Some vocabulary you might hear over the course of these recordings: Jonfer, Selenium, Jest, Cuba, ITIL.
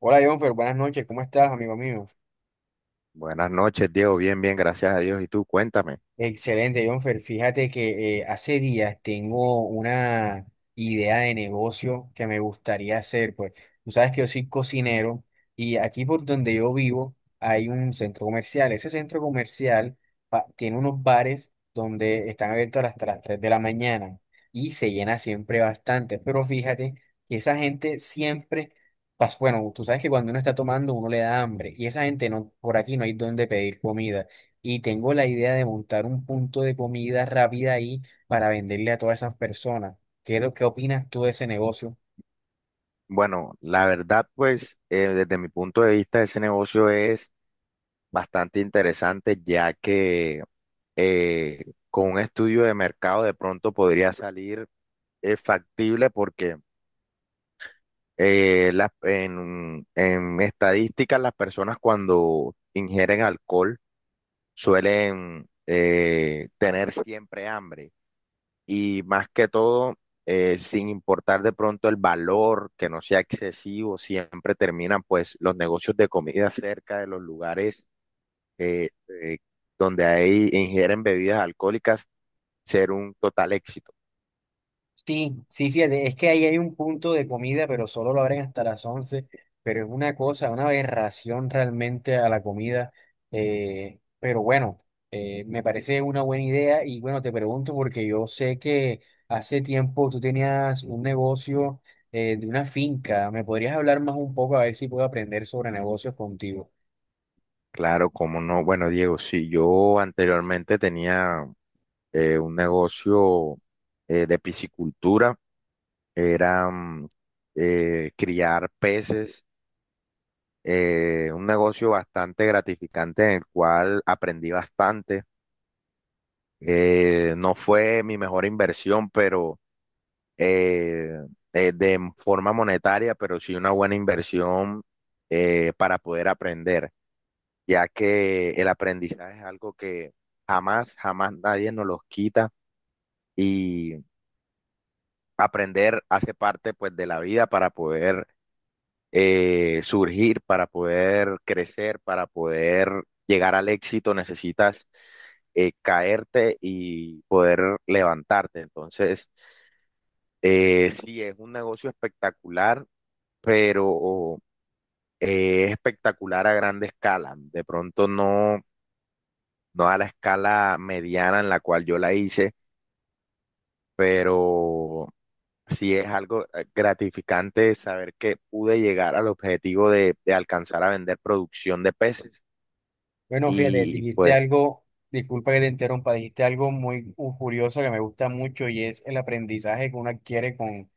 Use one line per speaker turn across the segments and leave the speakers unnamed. Hola, Jonfer, buenas noches, ¿cómo estás, amigo mío?
Buenas noches, Diego. Bien, bien, gracias a Dios. ¿Y tú? Cuéntame.
Excelente, Jonfer. Fíjate que hace días tengo una idea de negocio que me gustaría hacer. Pues tú sabes que yo soy cocinero y aquí por donde yo vivo hay un centro comercial. Ese centro comercial tiene unos bares donde están abiertos hasta las 3 de la mañana y se llena siempre bastante. Pero fíjate que esa gente siempre, bueno, tú sabes que cuando uno está tomando uno le da hambre y esa gente no, por aquí no hay donde pedir comida y tengo la idea de montar un punto de comida rápida ahí para venderle a todas esas personas. ¿ Qué opinas tú de ese negocio?
Bueno, la verdad, pues, desde mi punto de vista, ese negocio es bastante interesante, ya que con un estudio de mercado de pronto podría salir factible porque en estadísticas las personas cuando ingieren alcohol suelen tener siempre hambre. Y más que todo, sin importar de pronto el valor, que no sea excesivo, siempre terminan pues los negocios de comida cerca de los lugares eh, eh, donde ahí ingieren bebidas alcohólicas ser un total éxito.
Sí, sí, fíjate, es que ahí hay un punto de comida, pero solo lo abren hasta las 11, pero es una cosa, una aberración realmente a la comida. Pero bueno, me parece una buena idea y bueno, te pregunto porque yo sé que hace tiempo tú tenías un negocio de una finca. ¿Me podrías hablar más un poco a ver si puedo aprender sobre negocios contigo?
Claro, como no. Bueno, Diego, si yo anteriormente tenía un negocio de piscicultura, era criar peces, un negocio bastante gratificante en el cual aprendí bastante. No fue mi mejor inversión, pero eh, de forma monetaria, pero sí una buena inversión para poder aprender, ya que el aprendizaje es algo que jamás, jamás nadie nos los quita, y aprender hace parte pues de la vida para poder surgir, para poder crecer, para poder llegar al éxito. Necesitas caerte y poder levantarte. Entonces, sí, es un negocio espectacular, pero es espectacular a grande escala. De pronto no, no a la escala mediana en la cual yo la hice, pero sí es algo gratificante saber que pude llegar al objetivo de alcanzar a vender producción de peces.
Bueno, fíjate,
Y
dijiste
pues,
algo, disculpa que te interrumpa, dijiste algo muy curioso que me gusta mucho, y es el aprendizaje que uno adquiere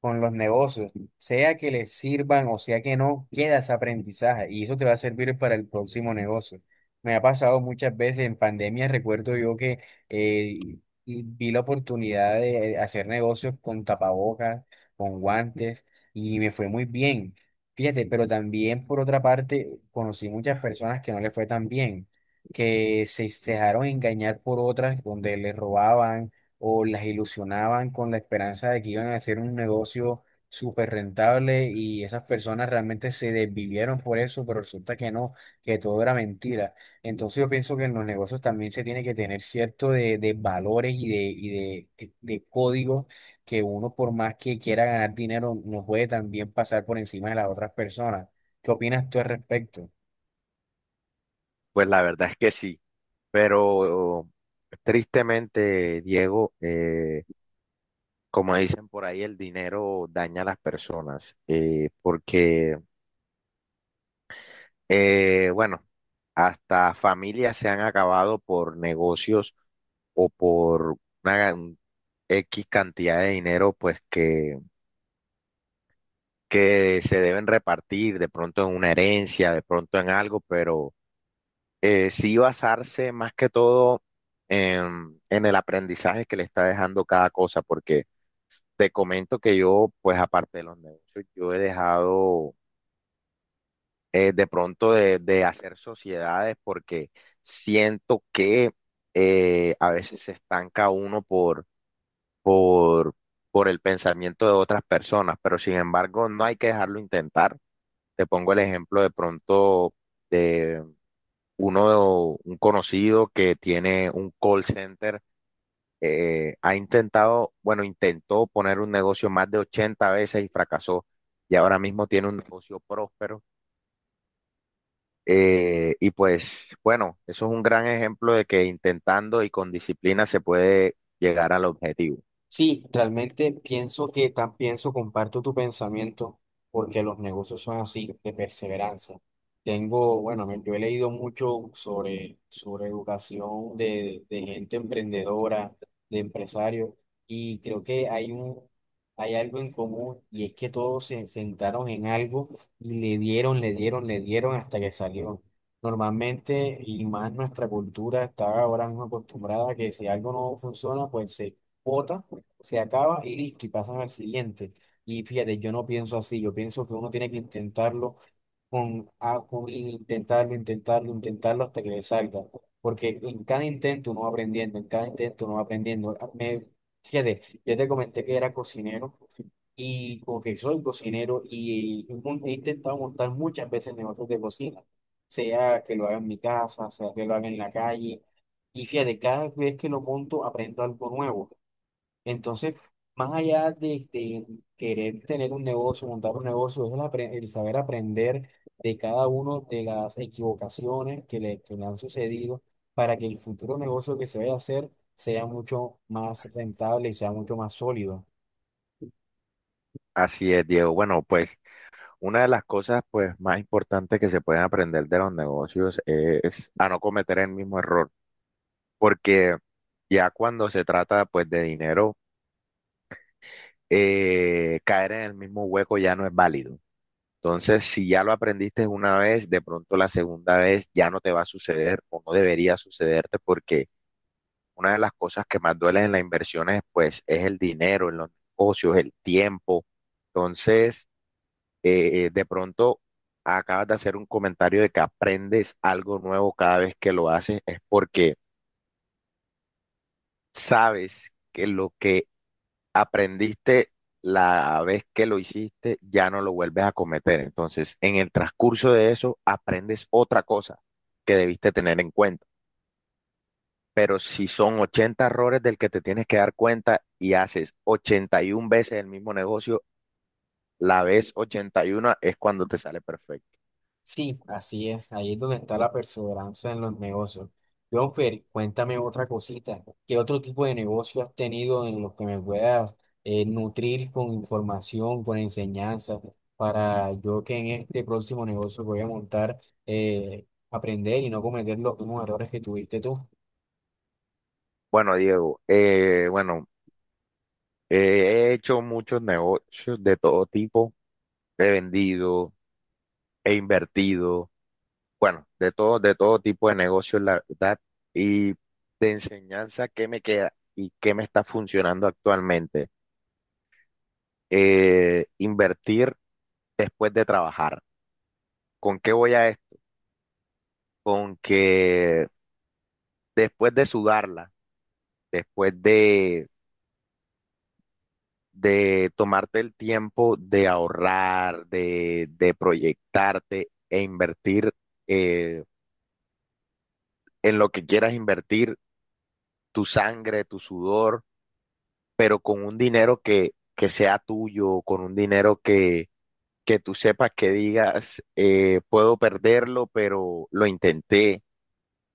con los negocios, sea que les sirvan o sea que no, queda ese aprendizaje y eso te va a servir para el próximo negocio. Me ha pasado muchas veces en pandemia, recuerdo yo que eh, y vi la oportunidad de hacer negocios con tapabocas, con guantes, y me fue muy bien. Fíjate, pero también por otra parte conocí muchas personas que no les fue tan bien, que se dejaron engañar por otras donde les robaban o las ilusionaban con la esperanza de que iban a hacer un negocio súper rentable, y esas personas realmente se desvivieron por eso, pero resulta que no, que todo era mentira. Entonces yo pienso que en los negocios también se tiene que tener cierto de valores y de códigos que uno, por más que quiera ganar dinero, no puede también pasar por encima de las otras personas. ¿Qué opinas tú al respecto?
pues la verdad es que sí, pero tristemente, Diego, como dicen por ahí, el dinero daña a las personas. Porque, bueno, hasta familias se han acabado por negocios o por una gan- X cantidad de dinero, pues que se deben repartir de pronto en una herencia, de pronto en algo. Pero sí, basarse más que todo en el aprendizaje que le está dejando cada cosa, porque te comento que yo, pues aparte de los negocios, yo he dejado de pronto de hacer sociedades, porque siento que a veces se estanca uno por, por el pensamiento de otras personas, pero sin embargo no hay que dejarlo intentar. Te pongo el ejemplo de pronto uno, un conocido que tiene un call center. Ha intentado, bueno, intentó poner un negocio más de 80 veces y fracasó, y ahora mismo tiene un negocio próspero. Y pues, bueno, eso es un gran ejemplo de que intentando y con disciplina se puede llegar al objetivo.
Sí, realmente pienso que tan pienso, comparto tu pensamiento, porque los negocios son así, de perseverancia. Tengo, bueno, yo he leído mucho sobre, sobre educación de gente emprendedora, de empresarios, y creo que hay un, hay algo en común, y es que todos se sentaron en algo y le dieron, le dieron, le dieron hasta que salió. Normalmente, y más nuestra cultura está ahora mismo acostumbrada a que si algo no funciona, pues se bota, se acaba y listo, y pasas al siguiente. Y fíjate, yo no pienso así, yo pienso que uno tiene que intentarlo con, intentarlo, intentarlo, intentarlo hasta que le salga. Porque en cada intento uno va aprendiendo, en cada intento uno va aprendiendo. Ah, fíjate, yo te comenté que era cocinero, y porque soy cocinero y he intentado montar muchas veces negocios de cocina, sea que lo haga en mi casa, sea que lo haga en la calle. Y fíjate, cada vez que lo monto aprendo algo nuevo. Entonces, más allá de querer tener un negocio, montar un negocio, es el, el saber aprender de cada uno de las equivocaciones que le han sucedido, para que el futuro negocio que se vaya a hacer sea mucho más rentable y sea mucho más sólido.
Así es, Diego. Bueno, pues una de las cosas pues más importantes que se pueden aprender de los negocios es a no cometer el mismo error, porque ya cuando se trata pues de dinero, caer en el mismo hueco ya no es válido. Entonces, si ya lo aprendiste una vez, de pronto la segunda vez ya no te va a suceder o no debería sucederte, porque una de las cosas que más duelen en las inversiones, pues, es el dinero; en los negocios, el tiempo. Entonces, de pronto acabas de hacer un comentario de que aprendes algo nuevo cada vez que lo haces, es porque sabes que lo que aprendiste la vez que lo hiciste, ya no lo vuelves a cometer. Entonces, en el transcurso de eso, aprendes otra cosa que debiste tener en cuenta. Pero si son 80 errores del que te tienes que dar cuenta y haces 81 veces el mismo negocio, la vez 81 es cuando te sale perfecto.
Sí, así es. Ahí es donde está la perseverancia en los negocios. Jonfer, cuéntame otra cosita. ¿Qué otro tipo de negocio has tenido en los que me puedas nutrir con información, con enseñanza, para yo que en este próximo negocio que voy a montar, aprender y no cometer los mismos errores que tuviste tú?
Bueno, Diego, bueno, he hecho muchos negocios de todo tipo, he vendido, he invertido. Bueno, de todo tipo de negocios, la verdad. Y de enseñanza, ¿qué me queda y qué me está funcionando actualmente? Invertir después de trabajar. ¿Con qué voy a esto? Con que después de sudarla, después de tomarte el tiempo de ahorrar, de proyectarte e invertir eh, en lo que quieras invertir, tu sangre, tu sudor, pero con un dinero que sea tuyo, con un dinero que tú sepas, que digas, puedo perderlo, pero lo intenté,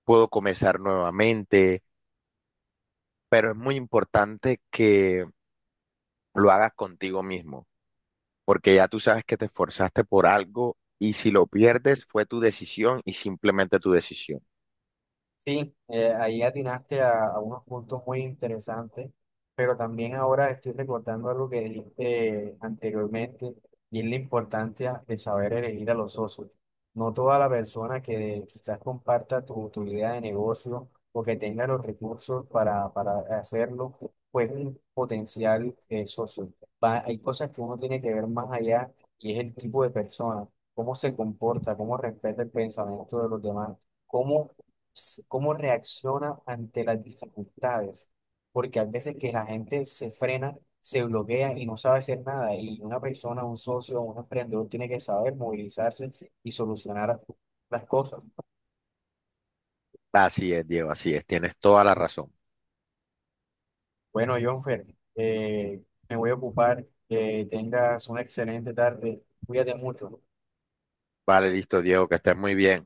puedo comenzar nuevamente. Pero es muy importante que lo hagas contigo mismo, porque ya tú sabes que te esforzaste por algo, y si lo pierdes fue tu decisión y simplemente tu decisión.
Sí, ahí atinaste a unos puntos muy interesantes, pero también ahora estoy recordando algo que dijiste anteriormente, y es la importancia de saber elegir a los socios. No toda la persona que quizás comparta tu, tu idea de negocio, o que tenga los recursos para hacerlo, pues es un potencial socio. Hay cosas que uno tiene que ver más allá, y es el tipo de persona, cómo se comporta, cómo respeta el pensamiento de los demás, cómo cómo reacciona ante las dificultades, porque a veces que la gente se frena, se bloquea y no sabe hacer nada, y una persona, un socio, un emprendedor tiene que saber movilizarse y solucionar las cosas.
Así es, Diego, así es, tienes toda la razón.
Bueno, Jonfer, eh, me voy a ocupar, que tengas una excelente tarde, cuídate mucho.
Vale, listo, Diego, que estés muy bien.